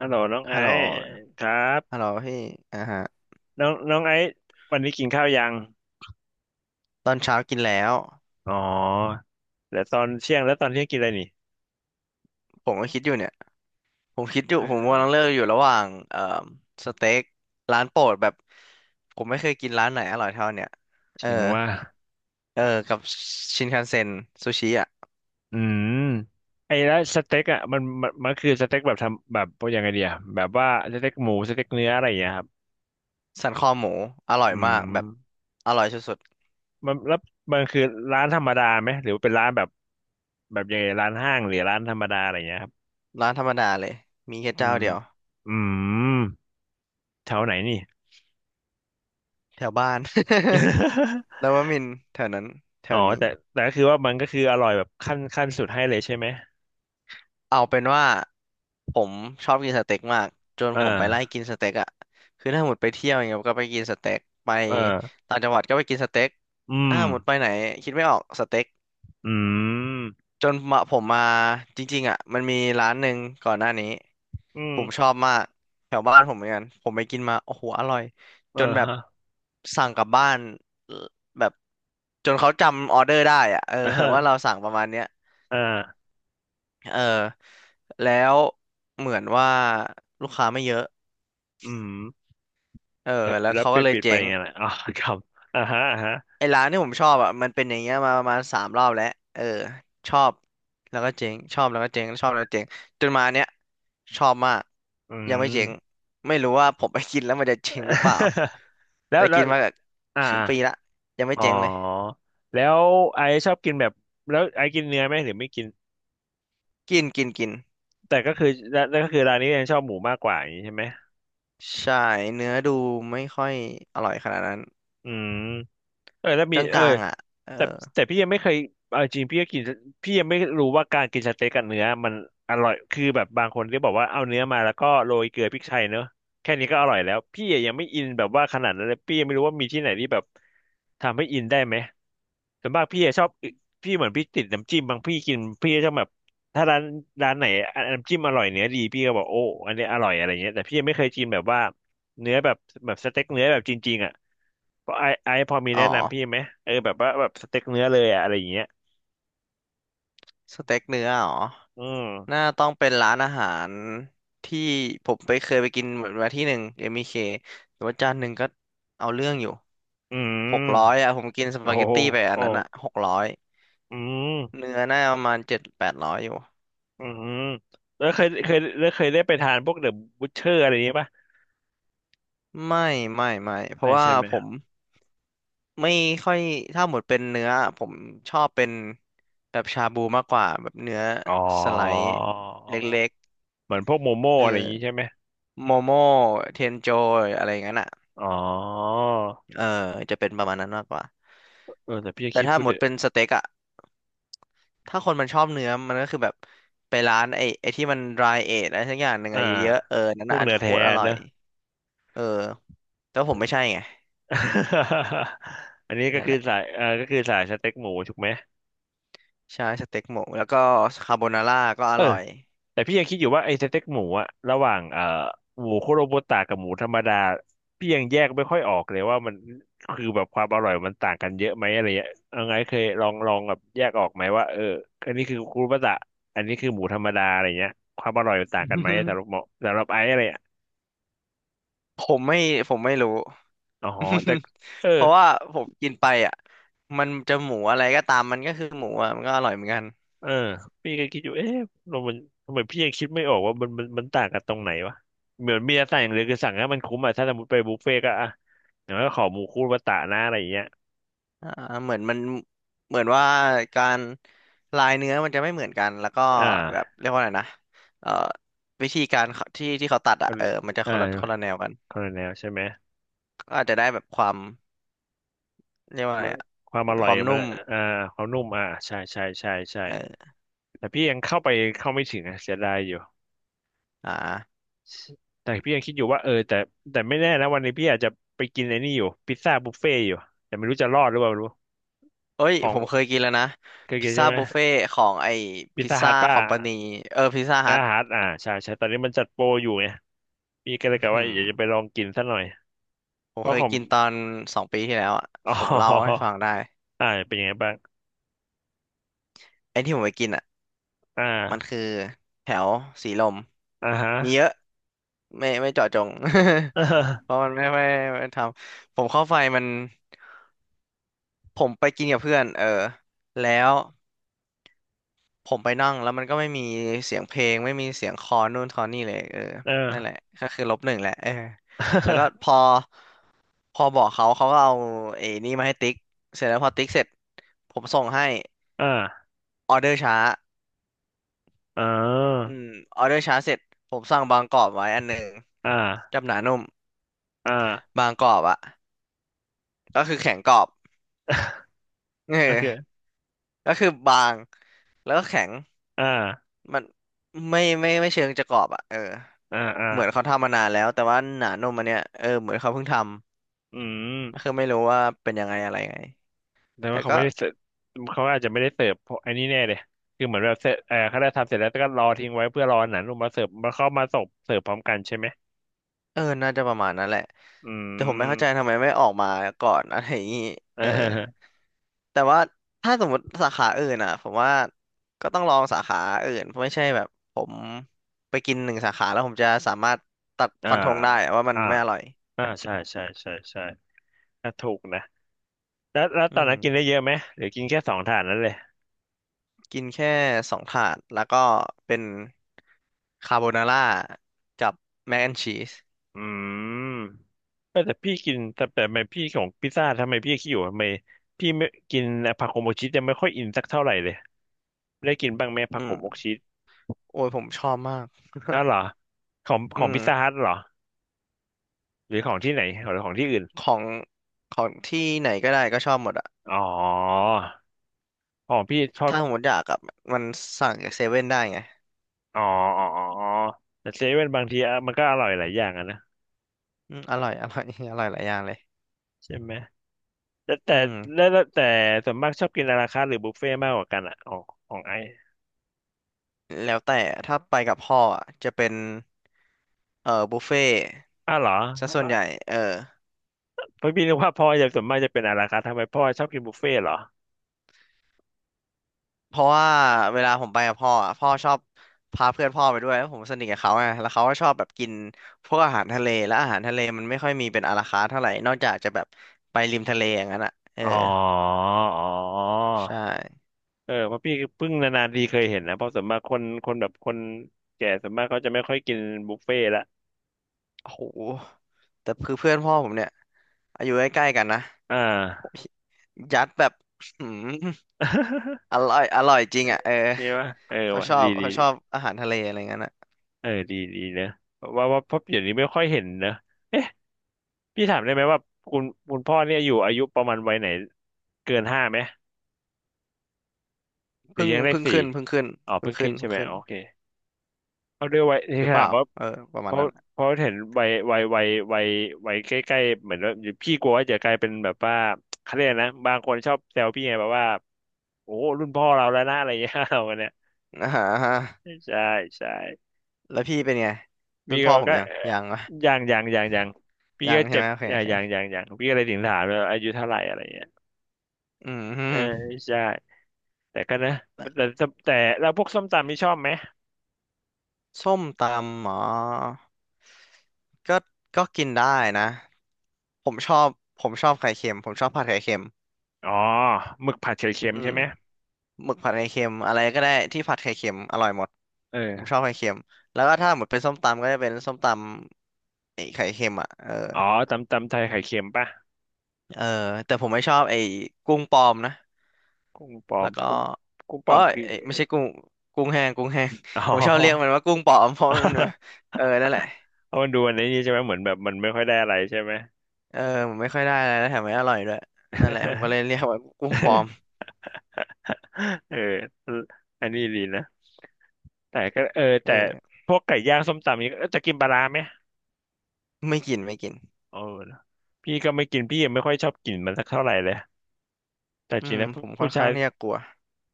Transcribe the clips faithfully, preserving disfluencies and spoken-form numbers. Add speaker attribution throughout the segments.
Speaker 1: ฮัลโหลน้องไอ
Speaker 2: ฮัลโหล
Speaker 1: ซ์ครั
Speaker 2: ฮัลโห
Speaker 1: บ
Speaker 2: ลพี่อ่าฮะ
Speaker 1: น้องน้องไอซ์วันนี้กินข้าวยัง
Speaker 2: ตอนเช้ากินแล้ว
Speaker 1: อ๋อแล้วตอนเที่ยงแล้วตอนเที่ยงกินอะไรนี่
Speaker 2: ผมก็คิดอยู่เนี่ยผมคิดอยู่ผม
Speaker 1: เออ
Speaker 2: กำลังเลือกอยู่ระหว่างเอ่อสเต็กร้านโปรดแบบผมไม่เคยกินร้านไหนอร่อยเท่าเนี่ยเออ
Speaker 1: ถึงว่า
Speaker 2: เออกับชินคันเซ็นซูชิอ่ะ
Speaker 1: อืมไอ้แล้วสเต็กอ่ะมันมันมันคือสเต็กแบบทำแบบพวกยังไงเดียแบบว่าสเต็กหมูสเต็กเนื้ออะไรอย่างเงี้ยครับ
Speaker 2: สันคอหมูอร่อย
Speaker 1: อื
Speaker 2: มาก
Speaker 1: ม
Speaker 2: แบบอร่อยสุด
Speaker 1: มันแล้วมันคือร้านธรรมดาไหมหรือว่าเป็นร้านแบบแบบยังไงร้านห้างหรือร้านธรรมดาอะไรอย่างเงี้ยครับ
Speaker 2: ๆร้านธรรมดาเลยมีแค่
Speaker 1: อื
Speaker 2: เจ้า
Speaker 1: ม
Speaker 2: เดียว
Speaker 1: อืมแถวไหนนี่
Speaker 2: แถวบ้าน แล้วว่ามินทร์แถวนั้นแถ
Speaker 1: อ๋อ
Speaker 2: วนี้
Speaker 1: แต่แต่ก็คือว่ามันก็คืออร่อยแบบขั้นขั้นสุดให้เลยใช่ไหม
Speaker 2: เอาเป็นว่าผมชอบกินสเต็กมากจน
Speaker 1: อ่
Speaker 2: ผมไปไล่
Speaker 1: า
Speaker 2: กินสเต็กอะคือถ้าหมดไปเที่ยวอย่างเงี้ยก็ไปกินสเต็กไป
Speaker 1: อ่า
Speaker 2: ต่างจังหวัดก็ไปกินสเต็ก
Speaker 1: อื
Speaker 2: ถ้า
Speaker 1: ม
Speaker 2: หมดไปไหนคิดไม่ออกสเต็ก
Speaker 1: อืม
Speaker 2: จนมาผมมาจริงๆอะมันมีร้านหนึ่งก่อนหน้านี้
Speaker 1: อื
Speaker 2: ผมช
Speaker 1: ม
Speaker 2: อบมากแถวบ้านผมเหมือนกันผมไปกินมาโอ้โหอร่อยจ
Speaker 1: อ่า
Speaker 2: นแบบ
Speaker 1: ฮะ
Speaker 2: สั่งกลับบ้านเอ่อแบบจนเขาจำออเดอร์ได้อะเออ
Speaker 1: อ่าฮะ
Speaker 2: ว่าเราสั่งประมาณเนี้ย
Speaker 1: อ่า
Speaker 2: เออแล้วเหมือนว่าลูกค้าไม่เยอะ
Speaker 1: อืม
Speaker 2: เออ
Speaker 1: แล้ว
Speaker 2: แล้ว
Speaker 1: แล้ว
Speaker 2: เขา
Speaker 1: ไป
Speaker 2: ก็เลย
Speaker 1: ปิดไป
Speaker 2: เจ๊ง
Speaker 1: ไงล่ะอ๋อครับอ่าฮะอ่าฮะ
Speaker 2: ไอ้ร้านที่ผมชอบอ่ะมันเป็นอย่างเงี้ยมาประมาณสามรอบแล้วเออชอบแล้วก็เจ๊งชอบแล้วก็เจ๊งชอบแล้วก็เจ๊งจนมาเนี้ยชอบมาก
Speaker 1: อื
Speaker 2: ยังไม่
Speaker 1: ม
Speaker 2: เจ๊งไม่รู้ว่าผมไปกินแล้วมันจะเจ๊งหรือเปล่า
Speaker 1: แล้ว
Speaker 2: แต่
Speaker 1: แล้
Speaker 2: กิ
Speaker 1: ว
Speaker 2: นมาแบบ
Speaker 1: อ่า
Speaker 2: ครึ่งปีละยังไม่
Speaker 1: อ๋
Speaker 2: เจ๊งเลย
Speaker 1: อแล้วไอชอบกินแบบแล้วไอกินเนื้อไหมหรือไม่กิน
Speaker 2: กินกินกิน
Speaker 1: แต่ก็คือแล้วก็คือร้านนี้ยังชอบหมูมากกว่าอย่างนี้ใช่ไหม
Speaker 2: ใช่เนื้อดูไม่ค่อยอร่อยขนาดนั้น
Speaker 1: อืมเออแล้ว
Speaker 2: ก
Speaker 1: มีเออ
Speaker 2: ลางๆอ่ะเออ
Speaker 1: แต่แต่พี่ยังไม่เคยเอาจริงพี่ก็กินพี่ยังไม่รู้ว่าการกินสเต็กกับเนื้อมันอร่อยคือแบบบางคนที่บอกว่าเอาเนื้อมาแล้วก็โรยเกลือพริกไทยเนอะแค่นี้ก็อร่อยแล้วพี่ยังไม่อินแบบว่าขนาดนั้นเลยพี่ยังไม่รู้ว่ามีที่ไหนที่แบบทำให้อินได้ไหมส่วนมากพี่อะชอบพี่เหมือนพี่ติดน้ำจิ้มบางพี่กินพี่จะชอบแบบถ้าร้านร้านไหนอน้ำจิ้มอร่อยเนื้อดีพี่ก็บอกโอ้อันนี้อร่อยอะไรเงี้ยแต่พี่ยังไม่เคยกินแบบว่าเนื้อแบบแบบสเต็กเนื้อแบบจริงๆอ่ะ เพราะไอไอพอมี
Speaker 2: อ๋อ
Speaker 1: แนะนำพี่ไหมเออแบบว่าแบบสเต็กเนื้อเลยอะอะไรอย่างเงี้ย
Speaker 2: สเต็กเนื้ออ๋อ
Speaker 1: อื
Speaker 2: น่า
Speaker 1: ม
Speaker 2: ต้องเป็นร้านอาหารที่ผมไปเคยไปกินเหมือนมาที่หนึ่งเอ็มบีเ k แต่ว่าจานหนึ่งก็เอาเรื่องอยู่
Speaker 1: อืม
Speaker 2: หกร้อยอ่ะผมกินส
Speaker 1: โอ้
Speaker 2: ปาเกต
Speaker 1: โห
Speaker 2: ตี้ไปอัน
Speaker 1: โอ้
Speaker 2: นั้นอ่ะหกร้อย
Speaker 1: อืม
Speaker 2: เนื้อน่าประมาณเจ็ดแปดร้อยอยู่
Speaker 1: อืมแล้วเคยเคยแล้วเคยได้ไปทานพวกเดอะบูชเชอร์อะไรอย่างงี้ปะ
Speaker 2: ไม่ไม่ไม่เพ
Speaker 1: ไม่
Speaker 2: ราะว่า
Speaker 1: ใช่ไหม
Speaker 2: ผมไม่ค่อยถ้าหมดเป็นเนื้อผมชอบเป็นแบบชาบูมากกว่าแบบเนื้อ
Speaker 1: อ๋อ
Speaker 2: สไลด์เล็ก
Speaker 1: เหมือนพวกโมโม่
Speaker 2: ๆเอ
Speaker 1: อะไรอย่าง
Speaker 2: อ
Speaker 1: งี้ใช่ไหม
Speaker 2: โมโม่เทนโจอะไรอย่างนั้นอ่ะ
Speaker 1: อ๋อ
Speaker 2: เออจะเป็นประมาณนั้นมากกว่า
Speaker 1: เออแต่พี่
Speaker 2: แต่
Speaker 1: คิด
Speaker 2: ถ้า
Speaker 1: พูด
Speaker 2: หม
Speaker 1: เด
Speaker 2: ดเป็น
Speaker 1: อะ
Speaker 2: สเต็กอะถ้าคนมันชอบเนื้อมันก็คือแบบไปร้านไอ้ไอ้ที่มัน dry age อะไรสักอย่างหนึ่ง
Speaker 1: อ่า
Speaker 2: อะเยอะๆเออนั่น
Speaker 1: พว
Speaker 2: น่ะ
Speaker 1: กเนื้อ
Speaker 2: โค
Speaker 1: แท้
Speaker 2: ตรอร่อ
Speaker 1: เน
Speaker 2: ย
Speaker 1: อะ
Speaker 2: เออแต่ผมไม่ใช่ ไง
Speaker 1: อันนี้ก็
Speaker 2: นั่น
Speaker 1: คื
Speaker 2: แห
Speaker 1: อสา
Speaker 2: ละ
Speaker 1: ยเออก็คือสายสเต็กหมูถูกไหม
Speaker 2: ใช่สเต็กหมูแล้วก็คาโบนาร่าก็อ
Speaker 1: เออ
Speaker 2: ร่อย
Speaker 1: แต่พี่ยังคิดอยู่ว่าไอ้สเต็กหมูอะระหว่างเอ่อหมูคุโรบุตะกับหมูธรรมดาพี่ยังแยกไม่ค่อยออกเลยว่ามันคือแบบความอร่อยมันต่างกันเยอะไหมอะไรเงี้ยเอาไงเคยลองลองแบบแยกออกไหมว่าเอออันนี้คือคุโรบุตะอันนี้คือหมูธรรมดาอะไรเงี้ยความอร่อยมันต่างกันไหมสำหรับหมอสำหรับไอ้อะไรอะ
Speaker 2: ผมไม่ผมไม่รู้
Speaker 1: อ๋อ แต่เออ
Speaker 2: เพราะว่าผมกินไปอ่ะมันจะหมูอะไรก็ตามมันก็คือหมูอ่ะมันก็อร่อยเหมือนกัน
Speaker 1: เออพี่ก็คิดอยู่เอ๊ะเรามันทำไมพี่ยังคิดไม่ออกว่ามันมันมันต่างกันตรงไหนวะเหมือนมีอะไรต่างอย่างเลยวคือสั่งให้มันคุ้มอะถ้าสมมติไปบุฟเฟ่ต์ก็อะอย่างน้อยก็ขอหมูคุโรบุตะนะอะไรอย่างเงี้ย
Speaker 2: อ่าเหมือนมันเหมือนว่าการลายเนื้อมันจะไม่เหมือนกันแล้วก็
Speaker 1: อ่
Speaker 2: แบบ
Speaker 1: า
Speaker 2: เรียกว่าอะไรนะเอ่อวิธีการเขาที่ที่เขาตัดอ่ะเออมันจะ
Speaker 1: อ่า
Speaker 2: คนละคนละแนวกัน
Speaker 1: คาราเมลใช่ไหม
Speaker 2: ก็อาจจะได้แบบความเรียกว่าอะ
Speaker 1: มั
Speaker 2: ไร
Speaker 1: น
Speaker 2: อะ
Speaker 1: ความอร่
Speaker 2: ค
Speaker 1: อย
Speaker 2: วาม
Speaker 1: มัน
Speaker 2: นุ่ม
Speaker 1: อ่าความนุ่มอ่าใช่ใช่ใช่ใช่
Speaker 2: เออ
Speaker 1: แต่พี่ยังเข้าไปเข้าไม่ถึงอะเสียดายอยู่
Speaker 2: อ่า
Speaker 1: แต่พี่ยังคิดอยู่ว่าเออแต่แต่ไม่แน่นะวันนี้พี่อาจจะไปกินไอ้นี่อยู่พิซซ่าบุฟเฟ่์อยู่แต่ไม่รู้จะรอดหรือเปล่าไม่รู้
Speaker 2: เอ้ย
Speaker 1: ขอ
Speaker 2: ผ
Speaker 1: ง
Speaker 2: มเคยกินแล้วนะ
Speaker 1: เคย
Speaker 2: พิ
Speaker 1: กิ
Speaker 2: ซ
Speaker 1: นใช่
Speaker 2: ซ่า
Speaker 1: ไหม
Speaker 2: บุฟเฟ่ของไอ้
Speaker 1: พิซ
Speaker 2: พิซ
Speaker 1: ซ่าฮั
Speaker 2: ซ่า
Speaker 1: ทป่ะ
Speaker 2: คอมพานีเออพิซซ่า
Speaker 1: อา
Speaker 2: ฮัท
Speaker 1: ฮัทอ่าใช่ใช่ตอนนี้มันจัดโปรอยู่ไงพี่ก็เลยกะ
Speaker 2: หื
Speaker 1: ว่าอยา
Speaker 2: ม
Speaker 1: กจะไปลองกินสักหน่อย
Speaker 2: ผ
Speaker 1: เพ
Speaker 2: มเค
Speaker 1: ราะ
Speaker 2: ย
Speaker 1: ของ
Speaker 2: กินตอนสองปีที่แล้วอ่ะ
Speaker 1: อ๋
Speaker 2: ผมเล่าให้
Speaker 1: อ
Speaker 2: ฟังได้
Speaker 1: อ่าเป็นยังไงบ้าง
Speaker 2: ไอ้ที่ผมไปกินอ่ะ
Speaker 1: อ่
Speaker 2: มัน
Speaker 1: า
Speaker 2: คือแถวสีลม
Speaker 1: อ่าฮะ
Speaker 2: มีเยอะ ไม่ไม่เจาะจง
Speaker 1: เ
Speaker 2: เพ
Speaker 1: ออ
Speaker 2: ราะมันไม่ไม่ไม่ไม่ทำผมเข้าไฟมันผมไปกินกับเพื่อนเออแล้วผมไปนั่งแล้วมันก็ไม่มีเสียงเพลงไม่มีเสียงคอนู่นคอนี่เลยเออ
Speaker 1: เอ
Speaker 2: นั่นแห
Speaker 1: อ
Speaker 2: ละก็คือลบหนึ่งแหละเออแล้วก็พอ พอบอกเขาเขาก็เอาไอ้นี่มาให้ติ๊กเสร็จแล้วพอติ๊กเสร็จผมส่งให้
Speaker 1: อ่า
Speaker 2: ออเดอร์ช้า
Speaker 1: อ่า
Speaker 2: อืมออเดอร์ช้าเสร็จผมสั่งบางกรอบไว้อันหนึ่ง
Speaker 1: อ่า
Speaker 2: จับหนานุ่ม
Speaker 1: อ่า
Speaker 2: บางกรอบอะก็คือแข็งกรอบ เออ
Speaker 1: โอเค
Speaker 2: ก็คือบางแล้วก็แข็ง
Speaker 1: อ่า
Speaker 2: มันไม่ไม่ไม่เชิงจะกรอบอ่ะเออ
Speaker 1: อ่าอ่า
Speaker 2: เหมือนเขาทำมานานแล้วแต่ว่าหนานมอันเนี้ยเออเหมือนเขาเพิ่งทำ
Speaker 1: อื
Speaker 2: ก็คือ
Speaker 1: ม
Speaker 2: ไม่รู้ว่าเป็นยังไงอะไรไง
Speaker 1: แต่
Speaker 2: แต่
Speaker 1: ว่าเขา
Speaker 2: ก็
Speaker 1: ไม่ได้เสิร์ฟเขาอาจจะไม่ได้เสิร์ฟเพราะไอ้นี่แน่เลยคือเหมือนแบบเสร็จเออเขาได้ทำเสร็จแล้วก็รอทิ้งไว้เพื่อรอหนังลงมาเสิร์ฟมาเข้ามาส่งเสิร์ฟพร้อมกันใช่ไหม
Speaker 2: เออน่าจะประมาณนั้นแหละ
Speaker 1: อื
Speaker 2: แต่ผมไม่เข้าใจ
Speaker 1: ม
Speaker 2: ทำไมไม่ออกมาก่อนอะไรอย่างงี้เออ แต่ว่าถ้าสมมติสาขาอื่นอ่ะผมว่าก็ต้องลองสาขาอื่นไม่ใช่แบบผมไปกินหนึ่งสาขาแล้วผมจะสามารถตัด
Speaker 1: อ่า
Speaker 2: ฟันธงได้อะว่ามัน
Speaker 1: อ่า
Speaker 2: ไม่อร่อย
Speaker 1: อ่าอ่าใช่ใช่ใช่ใช่ถถูกนะแล้วแล้วตอ
Speaker 2: อื
Speaker 1: น
Speaker 2: ม
Speaker 1: นั้นกินได้เยอะไหมหรือกินแค่สองถาดนั้นเลย
Speaker 2: กินแค่สองถาดแล้วก็เป็นคาโบนาร่ากับแมคแอนชีส
Speaker 1: อืมเออแต่พี่กินแต่แต่ทำไมพี่ของพิซซ่าทำไมพี่ขี้อยู่ทำไมพี่ไม่กินผักโขมกชีสยังไม่ค่อยอินสักเท่าไหร่เลยได้กินบ้างไหมผั
Speaker 2: อื
Speaker 1: กโขมก
Speaker 2: ม
Speaker 1: ชีส
Speaker 2: โอ้ยผมชอบมาก
Speaker 1: อ้าวเหรอของข
Speaker 2: อื
Speaker 1: อง
Speaker 2: ม
Speaker 1: พิซซ่าฮัทเหรอหรือของที่ไหนหรือของที่อื่น
Speaker 2: ของของที่ไหนก็ได้ก็ชอบหมดอะ
Speaker 1: อ๋อของพี่ชอบ
Speaker 2: ถ้าสมมติอยากกับมันสั่งจากเซเว่นได้ไง
Speaker 1: อ๋ออ๋ออ๋ออ๋อแต่เซเว่นบางทีอะมันก็อร่อยหลายอย่างอะนะ
Speaker 2: อืมอร่อย อร่อย อร่อยหลายอย่างเลย
Speaker 1: ใช่ไหมแต่แต่
Speaker 2: อืม
Speaker 1: แล้วแล้วแต่ส่วนมากชอบกินอาราคาร์ทหรือบุฟเฟ่ต์มากกว่ากันอะของของไอ
Speaker 2: แล้วแต่ถ้าไปกับพ่ออะจะเป็นเอ่อบุฟเฟ่
Speaker 1: อ้าวเหรอ
Speaker 2: ซะส่วนใหญ่เออ
Speaker 1: เพราะพี่นึกว่าพ่อจะส่วนมากจะเป็นอะไรคะทำไมพ่อชอบกินบุฟเฟ่ต์เหรอ
Speaker 2: เพราะว่าเวลาผมไปกับพ่ออะพ่อชอบพาเพื่อนพ่อไปด้วยแล้วผมสนิทกับเขาไงแล้วเขาก็ชอบแบบกินพวกอาหารทะเลแล้วอาหารทะเลมันไม่ค่อยมีเป็นอาราคาร์ทเท่าไหร่นอกจากจะแบบไปริมทะเลอย่างนั้นอ่ะเออ
Speaker 1: อ๋ออ๋อ
Speaker 2: ใช่
Speaker 1: เออเพราะพี่เพิ่งนานๆทีเคยเห็นนะเพราะส่วนมากคนคนแบบคนแก่ส่วนมากเขาจะไม่ค่อยกินบุฟเฟ่ต์ละ
Speaker 2: โอ้โหแต่คือเพื่อนพ่อผมเนี่ยอายุใกล้ๆกันนะ
Speaker 1: อ่า
Speaker 2: ยัดแบบ หืมอร่อยอร่อยจริงอ่ะเออ
Speaker 1: ใช่ปะเออ
Speaker 2: เขา
Speaker 1: ว่ะ
Speaker 2: ชอ
Speaker 1: ดี
Speaker 2: บ
Speaker 1: ดี
Speaker 2: เขาชอบ
Speaker 1: ดี
Speaker 2: อาหารทะเลอะไรเงี้ยน่ะ
Speaker 1: เออดีดีเนอะว่าว่าเพราะเดี๋ยวนี้ไม่ค่อยเห็นเนอะเอ๊ะพี่ถามได้ไหมว่าคุณคุณพ่อเนี่ยอยู่อายุประมาณวัยไหนเกินห้าไหมหรื
Speaker 2: เพิ่ง
Speaker 1: อยังเลข
Speaker 2: เพิ่ง
Speaker 1: สี่
Speaker 2: ขึ้นเพิ่งขึ้น
Speaker 1: อ๋อ
Speaker 2: เพิ่
Speaker 1: เพิ่
Speaker 2: ง
Speaker 1: ง
Speaker 2: ขึ้
Speaker 1: ขึ้
Speaker 2: น
Speaker 1: นใช่
Speaker 2: เพิ่ง
Speaker 1: ไหม
Speaker 2: ขึ้น
Speaker 1: โอเคเอาด้วยวัยที่
Speaker 2: หรือเป
Speaker 1: ถาม
Speaker 2: ล่า
Speaker 1: ว่า
Speaker 2: เออประ
Speaker 1: เพ
Speaker 2: มาณ
Speaker 1: ราะ
Speaker 2: นั้นอะ
Speaker 1: เพราะเห็นวัยวัยวัยวัยวัยใกล้ๆเหมือนว่าพี่กลัวว่าจะกลายเป็นแบบว่าเขาเรียกนะบางคนชอบแซวพี่ไงแบบว่าโอ้รุ่นพ่อเราแล้วนะอะไรอย่างเงี้ย เราเนี่ย
Speaker 2: อ่าฮะ
Speaker 1: ใช่ใช่
Speaker 2: แล้วพี่เป็นไงรุ่
Speaker 1: พี่
Speaker 2: นพ่
Speaker 1: ก็
Speaker 2: อผม
Speaker 1: ก็
Speaker 2: ยัง
Speaker 1: เอ่อ
Speaker 2: ยังวะ
Speaker 1: อย่างอย่างอย่างอย่างพี่
Speaker 2: ยั
Speaker 1: ก็
Speaker 2: งใช่
Speaker 1: เจ็
Speaker 2: ไห
Speaker 1: บ
Speaker 2: มโอเค
Speaker 1: อ
Speaker 2: โอ
Speaker 1: ย่าง
Speaker 2: เค
Speaker 1: อย่างอย่างอย่างพี่ก็เลยถึงถามว่าอายุเท่าไหร่อะไรเงี้ย
Speaker 2: อืมฮึ
Speaker 1: เออใช่แต่ก็นะแต่แต่แต่แล้วพวกส้มตำนี่ชอบไหม
Speaker 2: ส้มตำหมอก็ก็กินได้นะผมชอบผมชอบไข่เค็มผมชอบผัดไข่เค็ม
Speaker 1: อ๋อหมึกผัดไข่เค็ม
Speaker 2: อื
Speaker 1: ใช่
Speaker 2: ม
Speaker 1: ไหม
Speaker 2: หมึกผัดไข่เค็มอะไรก็ได้ที่ผัดไข่เค็มอร่อยหมดผมช
Speaker 1: เออ
Speaker 2: อบไข่เค็มแล้วก็ถ้าหมดเป็นส้มตำก็จะเป็นส้มตำไอ้ไข่เค็มอ่ะเออ
Speaker 1: อ๋อตำตำไทยไข่เค็มป่ะ
Speaker 2: เออแต่ผมไม่ชอบไอ้กุ้งปลอมนะ
Speaker 1: กุ้งปลอ
Speaker 2: แล้
Speaker 1: ม
Speaker 2: วก็
Speaker 1: กุ้งกุ้งปล
Speaker 2: เอ้
Speaker 1: อม
Speaker 2: ย
Speaker 1: คือ
Speaker 2: เอ้ยไม่ใช่กุ้งกุ้งแห้งกุ้งแห้ง
Speaker 1: อ๋
Speaker 2: ผมชอบเรียก
Speaker 1: อ
Speaker 2: มันว่ากุ้งปลอมเพราะมันแบบเออนั่นแหละ
Speaker 1: เอามันดูอันนี้ใช่ไหมเหมือนแบบมันไม่ค่อยได้อะไรใช่ไหม
Speaker 2: เออผมไม่ค่อยได้อะไรแล้วแถมไม่อร่อยด้วยนั่นแหละผมก็เลยเรียกว่ากุ้งปลอม
Speaker 1: เอออันนี้ดีนะแต่ก็เออ
Speaker 2: เอ
Speaker 1: แต่
Speaker 2: อ
Speaker 1: พวกไก่ย่างส้มตำนี้เออจะกินปลาร้าไหม
Speaker 2: ไม่กินไม่กิน
Speaker 1: เออพี่ก็ไม่กินพี่ยังไม่ค่อยชอบกินมันสักเท่าไหร่เลยแต่
Speaker 2: อื
Speaker 1: จริง
Speaker 2: ม
Speaker 1: แล้ว
Speaker 2: ผ
Speaker 1: ผู้
Speaker 2: มค่อ
Speaker 1: ผู้
Speaker 2: น
Speaker 1: ชา
Speaker 2: ข้า
Speaker 1: ย
Speaker 2: งที่จะกลัว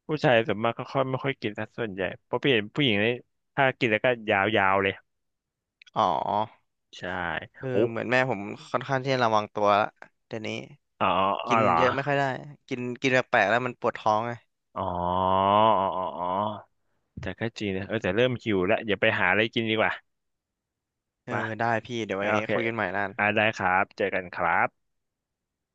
Speaker 1: ผู้ชายส่วนมากก็ค่อยไม่ค่อยกินสักส่วนใหญ่เพราะพี่เห็นผู้หญิงนี่ถ้ากินแล้วก็ยาวๆเลย
Speaker 2: อ๋อ
Speaker 1: ใช่
Speaker 2: เออ
Speaker 1: โอ้
Speaker 2: เหมือนแม่ผมค่อนข้างที่จะระวังตัวละเดี๋ยวนี้
Speaker 1: อ๋ออ๋อ
Speaker 2: กิน
Speaker 1: เหรอ
Speaker 2: เยอะไม่ค่อยได้กินกินแปลกๆแล้วมันปวดท้องไง
Speaker 1: อ๋ออ๋ออ๋ออ๋อแต่ก็จริงนะเออแต่เริ่มหิวแล้วอย่าไปหาอะไรกินดีกว่า
Speaker 2: เออ
Speaker 1: มา
Speaker 2: ได้พี่เดี๋ยวไว้
Speaker 1: โอเค
Speaker 2: คุยกันใหม่นะ
Speaker 1: อ่าได้ครับเจอกันครับ